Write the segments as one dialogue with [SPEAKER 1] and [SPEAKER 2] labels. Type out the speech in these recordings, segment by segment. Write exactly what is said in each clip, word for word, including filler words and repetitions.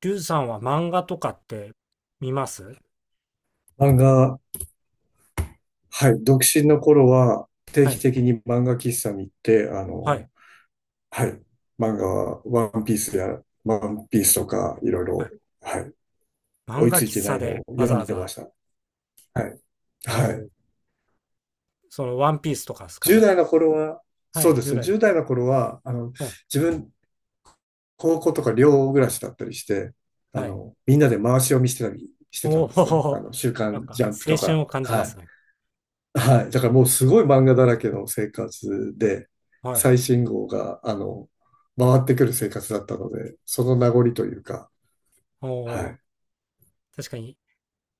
[SPEAKER 1] リュウさんは漫画とかって見ます？
[SPEAKER 2] 漫画、はい、独身の頃は定
[SPEAKER 1] は
[SPEAKER 2] 期
[SPEAKER 1] い、
[SPEAKER 2] 的に漫画喫茶に行って、あ
[SPEAKER 1] はい、
[SPEAKER 2] の、はい、漫画はワンピースや、ワンピースとかいろい
[SPEAKER 1] はい。
[SPEAKER 2] ろ、はい、
[SPEAKER 1] 漫
[SPEAKER 2] 追い
[SPEAKER 1] 画
[SPEAKER 2] ついて
[SPEAKER 1] 喫
[SPEAKER 2] な
[SPEAKER 1] 茶
[SPEAKER 2] いの
[SPEAKER 1] で
[SPEAKER 2] を
[SPEAKER 1] わ
[SPEAKER 2] 読
[SPEAKER 1] ざわ
[SPEAKER 2] んでま
[SPEAKER 1] ざ、
[SPEAKER 2] した。はい。
[SPEAKER 1] お
[SPEAKER 2] はい。
[SPEAKER 1] ーそのワンピースとかですか
[SPEAKER 2] じゅう
[SPEAKER 1] ね。
[SPEAKER 2] 代の頃は、
[SPEAKER 1] は
[SPEAKER 2] そう
[SPEAKER 1] い、
[SPEAKER 2] ですね、
[SPEAKER 1] じゅうだい代の。
[SPEAKER 2] じゅう代の頃は、あの、
[SPEAKER 1] うん、
[SPEAKER 2] 自分、高校とか寮暮らしだったりして、あ
[SPEAKER 1] はい。
[SPEAKER 2] の、みんなで回し読みしてたりしてた
[SPEAKER 1] お
[SPEAKER 2] んですね。あ
[SPEAKER 1] お、
[SPEAKER 2] の、週
[SPEAKER 1] なん
[SPEAKER 2] 刊
[SPEAKER 1] か
[SPEAKER 2] ジャンプ
[SPEAKER 1] 青
[SPEAKER 2] と
[SPEAKER 1] 春
[SPEAKER 2] か。
[SPEAKER 1] を感じ
[SPEAKER 2] は
[SPEAKER 1] ま
[SPEAKER 2] い。
[SPEAKER 1] すね。
[SPEAKER 2] はい。だからもうすごい漫画だらけの生活で、
[SPEAKER 1] はい。
[SPEAKER 2] 最新号が、あの、回ってくる生活だったので、その名残というか、
[SPEAKER 1] お
[SPEAKER 2] は
[SPEAKER 1] お、
[SPEAKER 2] い。
[SPEAKER 1] 確かに、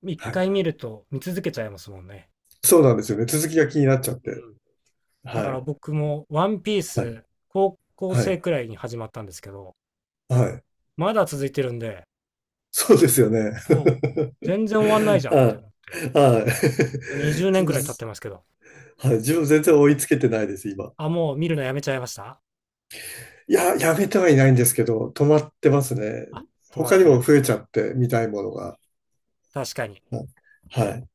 [SPEAKER 1] 一
[SPEAKER 2] はい。
[SPEAKER 1] 回見ると見続けちゃいますもんね。
[SPEAKER 2] そうなんですよね。続きが気になっちゃって。
[SPEAKER 1] うん。だか
[SPEAKER 2] は
[SPEAKER 1] ら
[SPEAKER 2] い。
[SPEAKER 1] 僕もワンピー
[SPEAKER 2] はい。
[SPEAKER 1] ス、高校
[SPEAKER 2] は
[SPEAKER 1] 生
[SPEAKER 2] い。
[SPEAKER 1] くらいに始まったんですけど、
[SPEAKER 2] はい。
[SPEAKER 1] まだ続いてるんで、
[SPEAKER 2] そうですよね。
[SPEAKER 1] もう全然終わんないじ ゃんって
[SPEAKER 2] は
[SPEAKER 1] 思っ
[SPEAKER 2] い。はい。
[SPEAKER 1] て、20
[SPEAKER 2] 自
[SPEAKER 1] 年く
[SPEAKER 2] 分、
[SPEAKER 1] らい経ってますけど。
[SPEAKER 2] はい。自分全然追いつけてないです、今。
[SPEAKER 1] あ、もう見るのやめちゃいました？
[SPEAKER 2] いや、やめてはいないんですけど、止まってますね。
[SPEAKER 1] あ、止まっ
[SPEAKER 2] 他に
[SPEAKER 1] て
[SPEAKER 2] も
[SPEAKER 1] る。
[SPEAKER 2] 増えちゃって、見たいものが。
[SPEAKER 1] 確かに。
[SPEAKER 2] はい。はい。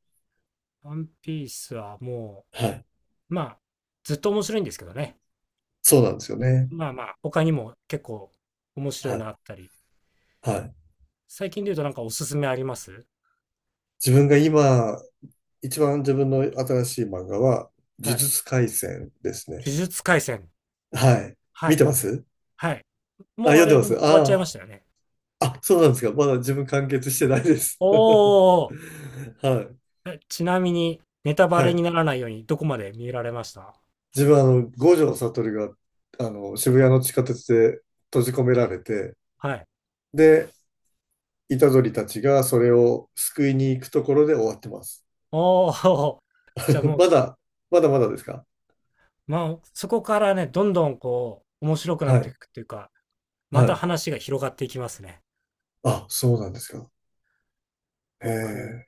[SPEAKER 1] ワンピースはも
[SPEAKER 2] はい。
[SPEAKER 1] う、まあ、ずっと面白いんですけどね。
[SPEAKER 2] そうなんですよね。
[SPEAKER 1] まあまあ、他にも結構面白い
[SPEAKER 2] はい。
[SPEAKER 1] のあったり。
[SPEAKER 2] はい。
[SPEAKER 1] 最近で言うとなんかおすすめあります？
[SPEAKER 2] 自分が今、一番自分の新しい漫画は、
[SPEAKER 1] は
[SPEAKER 2] 呪
[SPEAKER 1] い。
[SPEAKER 2] 術廻戦です
[SPEAKER 1] 呪
[SPEAKER 2] ね。
[SPEAKER 1] 術廻戦。
[SPEAKER 2] はい。
[SPEAKER 1] は
[SPEAKER 2] 見て
[SPEAKER 1] い、
[SPEAKER 2] ます。
[SPEAKER 1] はい。
[SPEAKER 2] あ、
[SPEAKER 1] もうあ
[SPEAKER 2] 読んで
[SPEAKER 1] れ、
[SPEAKER 2] ま
[SPEAKER 1] で
[SPEAKER 2] す。
[SPEAKER 1] も終わっちゃい
[SPEAKER 2] あ、
[SPEAKER 1] ましたよね。
[SPEAKER 2] あ、あ、そうなんですか。まだ自分完結してないです。
[SPEAKER 1] おお
[SPEAKER 2] はい。
[SPEAKER 1] え、ちなみに、ネタバ
[SPEAKER 2] は
[SPEAKER 1] レに
[SPEAKER 2] い。
[SPEAKER 1] ならないようにどこまで見られました？
[SPEAKER 2] 自分はあの、五条悟が、あの、渋谷の地下鉄で閉じ込められて、
[SPEAKER 1] はい。
[SPEAKER 2] で、虎杖たちがそれを救いに行くところで終わってます。
[SPEAKER 1] おお。じゃあ もう、
[SPEAKER 2] まだ、まだまだですか？
[SPEAKER 1] まあ、そこからね、どんどんこう面白くな
[SPEAKER 2] は
[SPEAKER 1] ってい
[SPEAKER 2] い。
[SPEAKER 1] くっていうか、ま
[SPEAKER 2] は
[SPEAKER 1] た
[SPEAKER 2] い。
[SPEAKER 1] 話が広がっていきますね。
[SPEAKER 2] あ、そうなんですか。へ
[SPEAKER 1] 僕、呪
[SPEAKER 2] え、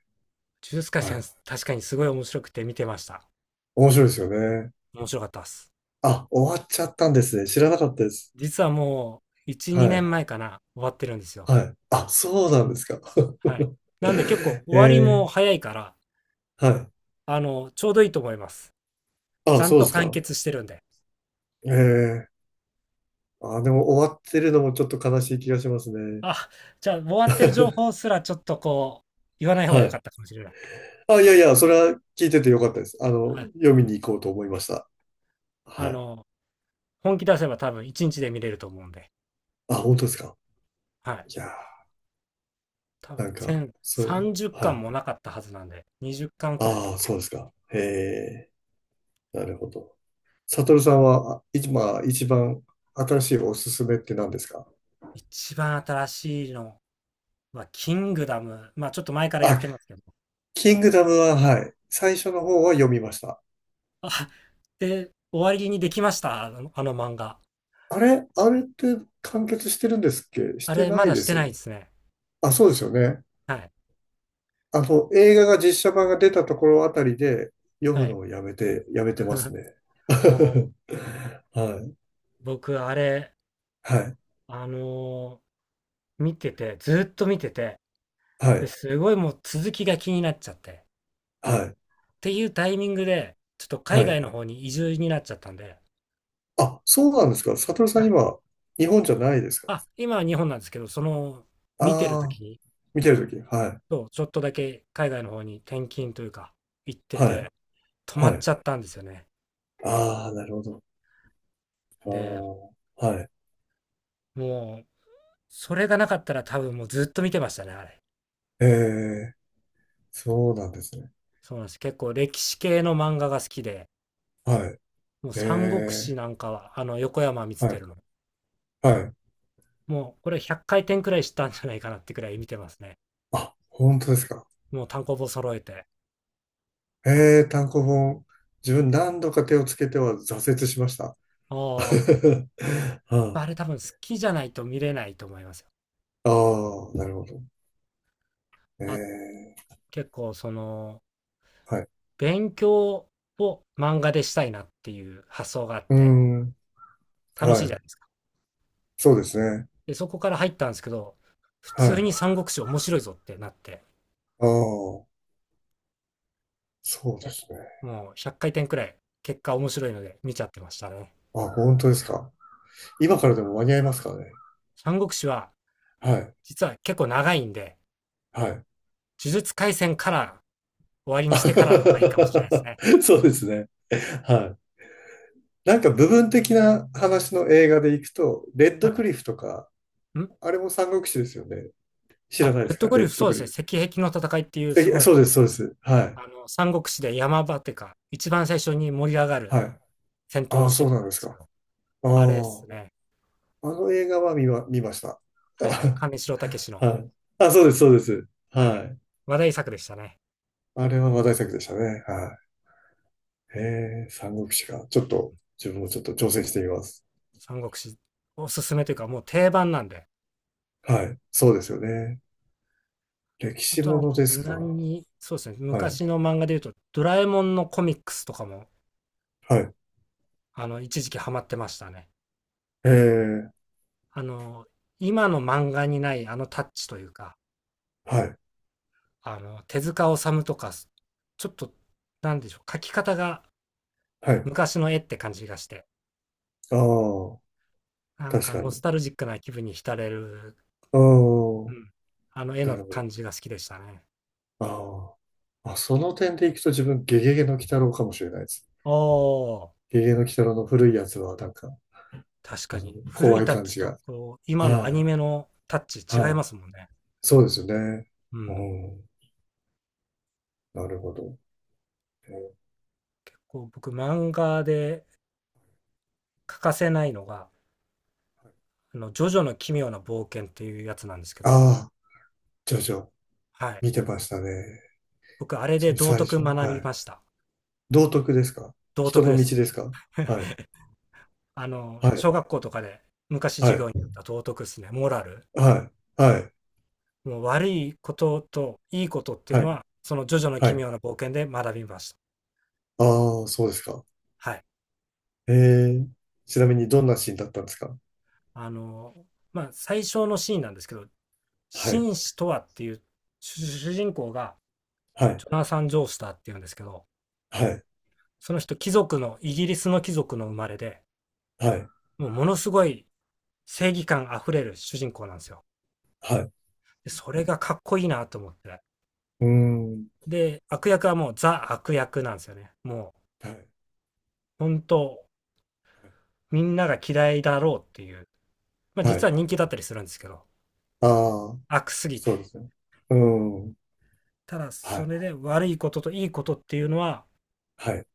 [SPEAKER 1] 術廻
[SPEAKER 2] は
[SPEAKER 1] 戦、
[SPEAKER 2] い。
[SPEAKER 1] 確かにすごい面白くて見てました。
[SPEAKER 2] 面白いですよね。
[SPEAKER 1] 面白かったです。
[SPEAKER 2] あ、終わっちゃったんですね。知らなかったです。
[SPEAKER 1] 実はもう、いち、
[SPEAKER 2] は
[SPEAKER 1] 2
[SPEAKER 2] い。
[SPEAKER 1] 年前かな、終わってるんですよ。
[SPEAKER 2] はい。あ、そうなんですか。
[SPEAKER 1] はい。なんで結構終
[SPEAKER 2] え
[SPEAKER 1] わり
[SPEAKER 2] え、
[SPEAKER 1] も早いから、
[SPEAKER 2] はい。
[SPEAKER 1] あの、ちょうどいいと思います。ち
[SPEAKER 2] あ、
[SPEAKER 1] ゃん
[SPEAKER 2] そうで
[SPEAKER 1] と
[SPEAKER 2] す
[SPEAKER 1] 完
[SPEAKER 2] か。
[SPEAKER 1] 結してるんで。
[SPEAKER 2] ええ。あ、で
[SPEAKER 1] う
[SPEAKER 2] も
[SPEAKER 1] ん。
[SPEAKER 2] 終わってるのもちょっと悲しい気がしますね。
[SPEAKER 1] あ、じゃあ終わってる情報 すらちょっとこう、言わない方
[SPEAKER 2] は
[SPEAKER 1] が良か
[SPEAKER 2] い。
[SPEAKER 1] ったかもしれない。
[SPEAKER 2] あ、いやいや、それは聞いててよかったです。あの、
[SPEAKER 1] はい。
[SPEAKER 2] 読みに行こうと思いました。
[SPEAKER 1] あ
[SPEAKER 2] はい。
[SPEAKER 1] の、本気出せば多分いちにちで見れると思うんで。
[SPEAKER 2] あ、本当ですか。
[SPEAKER 1] はい。
[SPEAKER 2] いや
[SPEAKER 1] 多
[SPEAKER 2] ー、なん
[SPEAKER 1] 分
[SPEAKER 2] か、
[SPEAKER 1] 全
[SPEAKER 2] そう、
[SPEAKER 1] 30
[SPEAKER 2] は
[SPEAKER 1] 巻
[SPEAKER 2] い。
[SPEAKER 1] もなかったはずなんで、にじゅっかんくらい。
[SPEAKER 2] ああ、そうですか。へえ、なるほど。サトルさんは、あ今、一番新しいおすすめって何ですか？
[SPEAKER 1] 一番新しいのは、キングダム。まあ、ちょっと前からやっ
[SPEAKER 2] あ、
[SPEAKER 1] てますけど。
[SPEAKER 2] キングダムは、はい。最初の方は読みました。
[SPEAKER 1] あ、で、終わりにできました。あの、あの漫画。
[SPEAKER 2] あれあれって完結してるんですっけ？し
[SPEAKER 1] あ
[SPEAKER 2] て
[SPEAKER 1] れ、
[SPEAKER 2] な
[SPEAKER 1] ま
[SPEAKER 2] い
[SPEAKER 1] だ
[SPEAKER 2] で
[SPEAKER 1] して
[SPEAKER 2] すよ
[SPEAKER 1] ないで
[SPEAKER 2] ね。
[SPEAKER 1] すね。
[SPEAKER 2] あ、そうですよね。
[SPEAKER 1] はい。
[SPEAKER 2] あの、映画が実写版が出たところあたりで読む
[SPEAKER 1] はい。
[SPEAKER 2] のをやめて、やめてま すね。
[SPEAKER 1] お
[SPEAKER 2] はい、
[SPEAKER 1] 僕、あれ、
[SPEAKER 2] はい、
[SPEAKER 1] あのー見てて、ずーっと見てて、
[SPEAKER 2] は
[SPEAKER 1] で
[SPEAKER 2] い、
[SPEAKER 1] すごいもう続きが気になっちゃって。
[SPEAKER 2] はい、
[SPEAKER 1] っていうタイミングで、ちょっと
[SPEAKER 2] は
[SPEAKER 1] 海
[SPEAKER 2] い。
[SPEAKER 1] 外の方に移住になっちゃったんで、
[SPEAKER 2] あ、そうなんですか。サトルさ
[SPEAKER 1] は
[SPEAKER 2] ん
[SPEAKER 1] い。
[SPEAKER 2] 今、日本じゃないですか。
[SPEAKER 1] あ、今は日本なんですけど、その、見てる
[SPEAKER 2] ああー、
[SPEAKER 1] 時に、
[SPEAKER 2] 見てるとき。はい、
[SPEAKER 1] そう、ちょっとだけ海外の方に転勤というか、行って
[SPEAKER 2] は
[SPEAKER 1] て、
[SPEAKER 2] い、
[SPEAKER 1] 止ま
[SPEAKER 2] は
[SPEAKER 1] っ
[SPEAKER 2] い。
[SPEAKER 1] ちゃったんですよね。
[SPEAKER 2] ああ、なるほど。
[SPEAKER 1] で、
[SPEAKER 2] ああ、はい。
[SPEAKER 1] もう、それがなかったら多分もうずっと見てましたね、あれ。
[SPEAKER 2] ええ、そうなんですね。
[SPEAKER 1] そうなんです。結構歴史系の漫画が好きで、
[SPEAKER 2] はい。
[SPEAKER 1] もう
[SPEAKER 2] え
[SPEAKER 1] 三国志
[SPEAKER 2] え、
[SPEAKER 1] なんかは、あの、横山光
[SPEAKER 2] はい。
[SPEAKER 1] 輝の。
[SPEAKER 2] はい。
[SPEAKER 1] もう、これひゃっかい転くらいしたんじゃないかなってくらい見てますね。
[SPEAKER 2] あ、本当ですか。
[SPEAKER 1] もう単行本揃えて。
[SPEAKER 2] ええ、単行本。自分何度か手をつけては挫折しました。
[SPEAKER 1] あ
[SPEAKER 2] は
[SPEAKER 1] あ、あれ多分好きじゃないと見れないと思いますよ。
[SPEAKER 2] あ、ああ、なるほど。え
[SPEAKER 1] あ、
[SPEAKER 2] え、
[SPEAKER 1] 結構その、
[SPEAKER 2] はい。
[SPEAKER 1] 勉強を漫画でしたいなっていう発想があっ
[SPEAKER 2] うー
[SPEAKER 1] て、
[SPEAKER 2] ん、
[SPEAKER 1] 楽しい
[SPEAKER 2] は
[SPEAKER 1] じゃ
[SPEAKER 2] い。
[SPEAKER 1] ないですか。
[SPEAKER 2] そうですね。
[SPEAKER 1] で、そこから入ったんですけど、普
[SPEAKER 2] はい。
[SPEAKER 1] 通
[SPEAKER 2] あ
[SPEAKER 1] に三国志面白いぞってなって、
[SPEAKER 2] あ、そうで
[SPEAKER 1] ね、
[SPEAKER 2] すね。
[SPEAKER 1] もうひゃっかい転くらい結果面白いので見ちゃってましたね。
[SPEAKER 2] あ、本当ですか。今からでも間に合いますからね。
[SPEAKER 1] 三国志は
[SPEAKER 2] はい。
[SPEAKER 1] 実は結構長いんで、
[SPEAKER 2] はい。
[SPEAKER 1] 呪術廻戦から終わりにしてからの方がいいかもしれないですね。
[SPEAKER 2] そうですね。はい。なんか部分的な話の映画でいくと、レッドク
[SPEAKER 1] は
[SPEAKER 2] リフとか、
[SPEAKER 1] い。ん
[SPEAKER 2] あれも三国志ですよね。知ら
[SPEAKER 1] あ、
[SPEAKER 2] ないで
[SPEAKER 1] レッ
[SPEAKER 2] す
[SPEAKER 1] ド
[SPEAKER 2] か？
[SPEAKER 1] グ
[SPEAKER 2] レ
[SPEAKER 1] リフ、
[SPEAKER 2] ッド
[SPEAKER 1] そう
[SPEAKER 2] ク
[SPEAKER 1] で
[SPEAKER 2] リ
[SPEAKER 1] すね。
[SPEAKER 2] フ。
[SPEAKER 1] 石壁の戦いっていうす
[SPEAKER 2] え
[SPEAKER 1] ごい、
[SPEAKER 2] そうです、そうです。はい。
[SPEAKER 1] あの、三国志で山場っていうか、一番最初に盛り上がる
[SPEAKER 2] はい。
[SPEAKER 1] 戦闘
[SPEAKER 2] あ
[SPEAKER 1] の
[SPEAKER 2] あ、
[SPEAKER 1] シ
[SPEAKER 2] そう
[SPEAKER 1] ーン
[SPEAKER 2] な
[SPEAKER 1] が
[SPEAKER 2] ん
[SPEAKER 1] あ
[SPEAKER 2] で
[SPEAKER 1] るんで
[SPEAKER 2] す
[SPEAKER 1] すけ
[SPEAKER 2] か。
[SPEAKER 1] ど、
[SPEAKER 2] ああ、
[SPEAKER 1] あれですね。
[SPEAKER 2] あの映画は見ま、見ました。
[SPEAKER 1] はいはい。金城武 の、
[SPEAKER 2] はい。あ、そうです、そうです。
[SPEAKER 1] は
[SPEAKER 2] は
[SPEAKER 1] い。
[SPEAKER 2] い。
[SPEAKER 1] 話題作でしたね。
[SPEAKER 2] あれは話題作でしたね。はい。へえ、三国志か。ちょっと、自分もちょっと挑戦してみます。
[SPEAKER 1] 三国志おすすめというかもう定番なんで。
[SPEAKER 2] はい。そうですよね。歴
[SPEAKER 1] あ
[SPEAKER 2] 史
[SPEAKER 1] と
[SPEAKER 2] も
[SPEAKER 1] は
[SPEAKER 2] の
[SPEAKER 1] まあ
[SPEAKER 2] です
[SPEAKER 1] 無難
[SPEAKER 2] か。
[SPEAKER 1] に、そうですね、
[SPEAKER 2] はい。
[SPEAKER 1] 昔の漫画で言うと、ドラえもんのコミックスとかも、
[SPEAKER 2] はい。
[SPEAKER 1] あの、一時期ハマってましたね。
[SPEAKER 2] ええ、
[SPEAKER 1] あの、今の漫画にないあのタッチというか、
[SPEAKER 2] はい。
[SPEAKER 1] あの、手塚治虫とか、ちょっと、なんでしょう、描き方が
[SPEAKER 2] はい。
[SPEAKER 1] 昔の絵って感じがして、
[SPEAKER 2] ああ、
[SPEAKER 1] なん
[SPEAKER 2] 確
[SPEAKER 1] か
[SPEAKER 2] か
[SPEAKER 1] ノス
[SPEAKER 2] に。
[SPEAKER 1] タルジックな気分に浸れる、
[SPEAKER 2] ああ、
[SPEAKER 1] うん、あの絵
[SPEAKER 2] な
[SPEAKER 1] の
[SPEAKER 2] るほど。
[SPEAKER 1] 感じが好きでしたね。
[SPEAKER 2] あーあ、その点でいくと自分、ゲゲゲの鬼太郎かもしれないです。
[SPEAKER 1] おー。
[SPEAKER 2] ゲゲゲの鬼太郎の古いやつは、なんか、
[SPEAKER 1] 確
[SPEAKER 2] あ
[SPEAKER 1] か
[SPEAKER 2] の、
[SPEAKER 1] に。古
[SPEAKER 2] 怖
[SPEAKER 1] い
[SPEAKER 2] い
[SPEAKER 1] タッ
[SPEAKER 2] 感
[SPEAKER 1] チ
[SPEAKER 2] じ
[SPEAKER 1] と、
[SPEAKER 2] が。
[SPEAKER 1] こう、今のア
[SPEAKER 2] は
[SPEAKER 1] ニ
[SPEAKER 2] い。
[SPEAKER 1] メのタッチ違い
[SPEAKER 2] はい。
[SPEAKER 1] ますもんね。
[SPEAKER 2] そうですよね。
[SPEAKER 1] う
[SPEAKER 2] う
[SPEAKER 1] ん。
[SPEAKER 2] ん。なるほど。
[SPEAKER 1] こう、僕、漫画で欠かせないのが、あの、ジョジョの奇妙な冒険っていうやつなんですけど、
[SPEAKER 2] ああー、ジョジョ、
[SPEAKER 1] はい。
[SPEAKER 2] 見てましたね。
[SPEAKER 1] 僕、あれ
[SPEAKER 2] 自
[SPEAKER 1] で
[SPEAKER 2] 分、
[SPEAKER 1] 道
[SPEAKER 2] 最
[SPEAKER 1] 徳
[SPEAKER 2] 初。
[SPEAKER 1] 学
[SPEAKER 2] は
[SPEAKER 1] び
[SPEAKER 2] い。
[SPEAKER 1] ました。
[SPEAKER 2] 道徳ですか？
[SPEAKER 1] 道
[SPEAKER 2] 人
[SPEAKER 1] 徳
[SPEAKER 2] の
[SPEAKER 1] で
[SPEAKER 2] 道
[SPEAKER 1] す。
[SPEAKER 2] ですか？はい。
[SPEAKER 1] あの、
[SPEAKER 2] はい。
[SPEAKER 1] 小学校とかで昔
[SPEAKER 2] は
[SPEAKER 1] 授業に
[SPEAKER 2] い。
[SPEAKER 1] あった道徳ですね。モラル。
[SPEAKER 2] はい。はい。
[SPEAKER 1] もう悪いことといいことっていう
[SPEAKER 2] は
[SPEAKER 1] の
[SPEAKER 2] い。
[SPEAKER 1] は、そのジョジョの
[SPEAKER 2] は
[SPEAKER 1] 奇
[SPEAKER 2] い。
[SPEAKER 1] 妙な冒険で学びました。
[SPEAKER 2] ああ、そうですか。
[SPEAKER 1] はい。
[SPEAKER 2] ええ、ちなみにどんなシーンだったんですか？
[SPEAKER 1] あの、まあ、最初のシーンなんですけど、
[SPEAKER 2] はい、
[SPEAKER 1] 紳士とはっていう主人公が
[SPEAKER 2] はい、
[SPEAKER 1] ジョナサン・ジョースターっていうんですけど、
[SPEAKER 2] はい、
[SPEAKER 1] その人貴族の、イギリスの貴族の生まれで、
[SPEAKER 2] はい、
[SPEAKER 1] もうものすごい正義感あふれる主人公なんですよ。
[SPEAKER 2] はい。
[SPEAKER 1] でそれがかっこいいなと思って。
[SPEAKER 2] うーん、
[SPEAKER 1] で、悪役はもうザ悪役なんですよね。もう
[SPEAKER 2] はい、
[SPEAKER 1] 本当、
[SPEAKER 2] はい。
[SPEAKER 1] みんなが嫌いだろうっていう。まあ
[SPEAKER 2] は
[SPEAKER 1] 実は
[SPEAKER 2] い。
[SPEAKER 1] 人気だったりするんですけど、
[SPEAKER 2] ああ、
[SPEAKER 1] 悪すぎ
[SPEAKER 2] そう
[SPEAKER 1] て。
[SPEAKER 2] ですね。うーん、
[SPEAKER 1] ただ
[SPEAKER 2] は
[SPEAKER 1] そ
[SPEAKER 2] い、
[SPEAKER 1] れで悪いことといいことっていうのは
[SPEAKER 2] はい、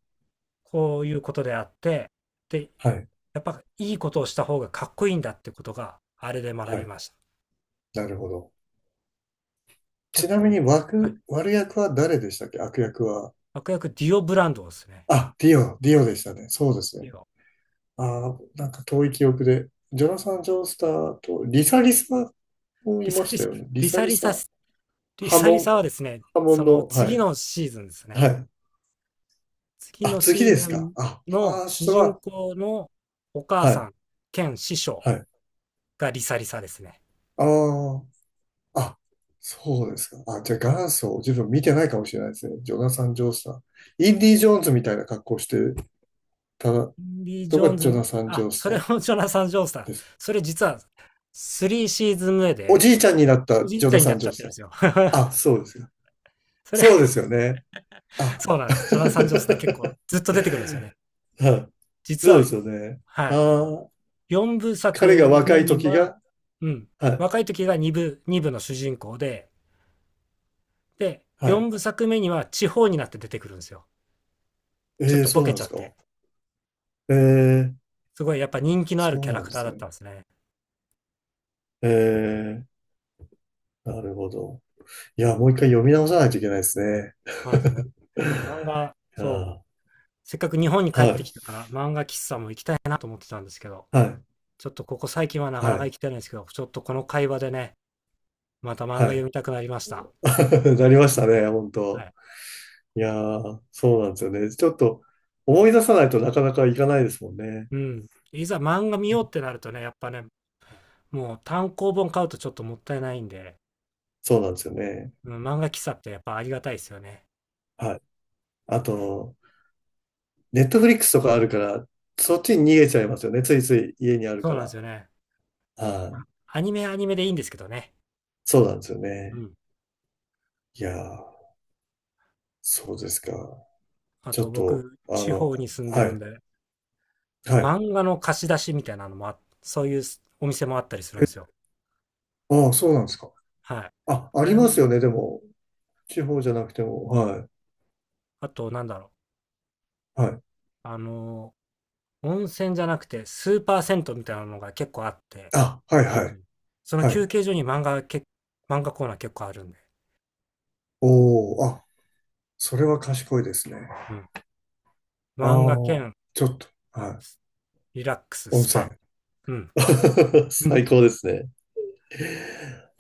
[SPEAKER 1] こういうことであって、で、
[SPEAKER 2] はい、
[SPEAKER 1] やっぱいいことをした方がかっこいいんだってことが、あれで学
[SPEAKER 2] は
[SPEAKER 1] び
[SPEAKER 2] い。
[SPEAKER 1] ました。
[SPEAKER 2] なるほど。ち
[SPEAKER 1] 結
[SPEAKER 2] なみ
[SPEAKER 1] 構、
[SPEAKER 2] に
[SPEAKER 1] はい。
[SPEAKER 2] 悪、悪役は誰でしたっけ？悪役は。
[SPEAKER 1] 悪役ディオブランドですね。
[SPEAKER 2] あ、ディオ、ディオでしたね。そうです
[SPEAKER 1] デ
[SPEAKER 2] ね。
[SPEAKER 1] ィオ。
[SPEAKER 2] ああ、なんか遠い記憶で。ジョナサン・ジョースターと、リサリサも
[SPEAKER 1] リ
[SPEAKER 2] いま
[SPEAKER 1] サ
[SPEAKER 2] し
[SPEAKER 1] リ
[SPEAKER 2] た
[SPEAKER 1] サ、
[SPEAKER 2] よね。リ
[SPEAKER 1] リ
[SPEAKER 2] サ
[SPEAKER 1] サ
[SPEAKER 2] リ
[SPEAKER 1] リサ
[SPEAKER 2] サ。
[SPEAKER 1] リ
[SPEAKER 2] 波
[SPEAKER 1] サリ
[SPEAKER 2] 紋、
[SPEAKER 1] サはですね、
[SPEAKER 2] 波
[SPEAKER 1] そ
[SPEAKER 2] 紋
[SPEAKER 1] の
[SPEAKER 2] の、は
[SPEAKER 1] 次
[SPEAKER 2] い、
[SPEAKER 1] のシーズンですね。
[SPEAKER 2] はい。
[SPEAKER 1] 次
[SPEAKER 2] あ、
[SPEAKER 1] の
[SPEAKER 2] 次
[SPEAKER 1] シー
[SPEAKER 2] で
[SPEAKER 1] ズ
[SPEAKER 2] すか。
[SPEAKER 1] ン
[SPEAKER 2] あ、フ
[SPEAKER 1] の
[SPEAKER 2] ァース
[SPEAKER 1] 主
[SPEAKER 2] ト
[SPEAKER 1] 人
[SPEAKER 2] は、
[SPEAKER 1] 公のお母
[SPEAKER 2] は
[SPEAKER 1] さ
[SPEAKER 2] い、
[SPEAKER 1] ん兼師匠
[SPEAKER 2] はい。
[SPEAKER 1] がリサリサですね。
[SPEAKER 2] ああ、あ、そうですか。あ、じゃあ元祖、自分見てないかもしれないですね。ジョナサン・ジョースター。インディ・ジョーンズみたいな格好してたの
[SPEAKER 1] インディ・ジョー
[SPEAKER 2] が
[SPEAKER 1] ン
[SPEAKER 2] ジョ
[SPEAKER 1] ズ、
[SPEAKER 2] ナサン・ジ
[SPEAKER 1] あ、
[SPEAKER 2] ョース
[SPEAKER 1] そ
[SPEAKER 2] タ
[SPEAKER 1] れ
[SPEAKER 2] ー
[SPEAKER 1] もジョナサン・ジョースター。
[SPEAKER 2] です。
[SPEAKER 1] それ実はスリーシーズン目
[SPEAKER 2] お
[SPEAKER 1] で
[SPEAKER 2] じいちゃんになった
[SPEAKER 1] おじい
[SPEAKER 2] ジョ
[SPEAKER 1] ちゃ
[SPEAKER 2] ナ
[SPEAKER 1] んに
[SPEAKER 2] サ
[SPEAKER 1] なっ
[SPEAKER 2] ン・
[SPEAKER 1] ち
[SPEAKER 2] ジ
[SPEAKER 1] ゃ
[SPEAKER 2] ョー
[SPEAKER 1] っ
[SPEAKER 2] ス
[SPEAKER 1] てる
[SPEAKER 2] タ
[SPEAKER 1] んで
[SPEAKER 2] ー。
[SPEAKER 1] すよ。
[SPEAKER 2] あ、そうですか。
[SPEAKER 1] それ
[SPEAKER 2] そうですよね。あ、
[SPEAKER 1] そうなんです。ジョナサン・ジョースター結構 ずっと出てくるんですよね。
[SPEAKER 2] はい。
[SPEAKER 1] 実
[SPEAKER 2] そう
[SPEAKER 1] は、
[SPEAKER 2] ですよね。
[SPEAKER 1] はい。
[SPEAKER 2] ああ、
[SPEAKER 1] 4部
[SPEAKER 2] 彼が
[SPEAKER 1] 作
[SPEAKER 2] 若
[SPEAKER 1] 目
[SPEAKER 2] い
[SPEAKER 1] に
[SPEAKER 2] 時
[SPEAKER 1] は、
[SPEAKER 2] が、
[SPEAKER 1] うん。
[SPEAKER 2] はい、
[SPEAKER 1] 若い時がに部、に部の主人公で、で、
[SPEAKER 2] はい。
[SPEAKER 1] よんぶさくめには地方になって出てくるんですよ。ちょっ
[SPEAKER 2] ええ、
[SPEAKER 1] と
[SPEAKER 2] そ
[SPEAKER 1] ボ
[SPEAKER 2] うな
[SPEAKER 1] ケ
[SPEAKER 2] ん
[SPEAKER 1] ち
[SPEAKER 2] で
[SPEAKER 1] ゃ
[SPEAKER 2] す
[SPEAKER 1] っ
[SPEAKER 2] か。
[SPEAKER 1] て。
[SPEAKER 2] ええ、
[SPEAKER 1] すごいやっぱ人気のある
[SPEAKER 2] そう
[SPEAKER 1] キャラ
[SPEAKER 2] なん
[SPEAKER 1] ク
[SPEAKER 2] で
[SPEAKER 1] ター
[SPEAKER 2] す
[SPEAKER 1] だっ
[SPEAKER 2] ね。
[SPEAKER 1] たんですね。
[SPEAKER 2] ええ、なるほど。いや、もう一回読み直さないといけないですね。
[SPEAKER 1] ま あ、そうね。漫画、
[SPEAKER 2] いや
[SPEAKER 1] そう。
[SPEAKER 2] ー、
[SPEAKER 1] せっかく日本に帰
[SPEAKER 2] は
[SPEAKER 1] って
[SPEAKER 2] い、
[SPEAKER 1] きたから漫画喫茶も行きたいなと思ってたんですけど、
[SPEAKER 2] はい、
[SPEAKER 1] ちょっとここ最近はなか
[SPEAKER 2] は
[SPEAKER 1] なか
[SPEAKER 2] い、
[SPEAKER 1] 行きたいんですけど、ちょっとこの会話でね、また漫画
[SPEAKER 2] は
[SPEAKER 1] 読みたくなりました。
[SPEAKER 2] い。なりましたね、本
[SPEAKER 1] は
[SPEAKER 2] 当。
[SPEAKER 1] い。
[SPEAKER 2] いやー、そうなんですよね。ちょっと思い出さないとなかなかいかないですもんね。
[SPEAKER 1] うん。いざ漫画見ようってなるとね、やっぱね、もう単行本買うとちょっともったいないんで、
[SPEAKER 2] そうなんですよね。
[SPEAKER 1] うん、漫画喫茶ってやっぱありがたいですよね。
[SPEAKER 2] はい。あと、ネットフリックスとかあるから、そっちに逃げちゃいますよね。ついつい家にある
[SPEAKER 1] そ
[SPEAKER 2] か
[SPEAKER 1] うなんです
[SPEAKER 2] ら。
[SPEAKER 1] よね。
[SPEAKER 2] は
[SPEAKER 1] ま
[SPEAKER 2] い。
[SPEAKER 1] あアニメはアニメでいいんですけどね。
[SPEAKER 2] そうなんですよ
[SPEAKER 1] う
[SPEAKER 2] ね。
[SPEAKER 1] ん。
[SPEAKER 2] いやー、そうですか。
[SPEAKER 1] あ
[SPEAKER 2] ちょ
[SPEAKER 1] と
[SPEAKER 2] っと、
[SPEAKER 1] 僕、
[SPEAKER 2] あ
[SPEAKER 1] 地
[SPEAKER 2] の、
[SPEAKER 1] 方に住んで
[SPEAKER 2] は
[SPEAKER 1] るん
[SPEAKER 2] い、
[SPEAKER 1] で、
[SPEAKER 2] はい。
[SPEAKER 1] 漫画の貸し出しみたいなのもあ、そういうすお店もあったりするんですよ。
[SPEAKER 2] ああ、そうなんですか。
[SPEAKER 1] はい。
[SPEAKER 2] あ、あ
[SPEAKER 1] あ
[SPEAKER 2] り
[SPEAKER 1] れ
[SPEAKER 2] ます
[SPEAKER 1] も、
[SPEAKER 2] よね。でも、地方じゃなくても。はい。
[SPEAKER 1] あとなんだろう。
[SPEAKER 2] はい。
[SPEAKER 1] あのー、温泉じゃなくてスーパー銭湯みたいなのが結構あって、
[SPEAKER 2] あ、はい、
[SPEAKER 1] 近
[SPEAKER 2] は
[SPEAKER 1] 所
[SPEAKER 2] い。
[SPEAKER 1] にその
[SPEAKER 2] は
[SPEAKER 1] 休
[SPEAKER 2] い。
[SPEAKER 1] 憩所に漫画け、漫画コーナー結構あるんで。
[SPEAKER 2] おーあ、それは賢いですね。
[SPEAKER 1] うん。
[SPEAKER 2] あ
[SPEAKER 1] 漫画
[SPEAKER 2] あ、
[SPEAKER 1] 兼
[SPEAKER 2] ちょっと。はい。
[SPEAKER 1] リラックス
[SPEAKER 2] 温
[SPEAKER 1] ス
[SPEAKER 2] 泉。
[SPEAKER 1] パ。うん。
[SPEAKER 2] 最 高ですね。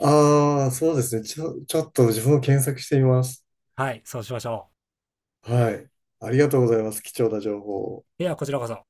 [SPEAKER 2] ああ、そうですね。ちょ、ちょっと自分も検索してみます。
[SPEAKER 1] はい、そうしましょ
[SPEAKER 2] はい。ありがとうございます。貴重な情報を。
[SPEAKER 1] う。では、こちらこそ。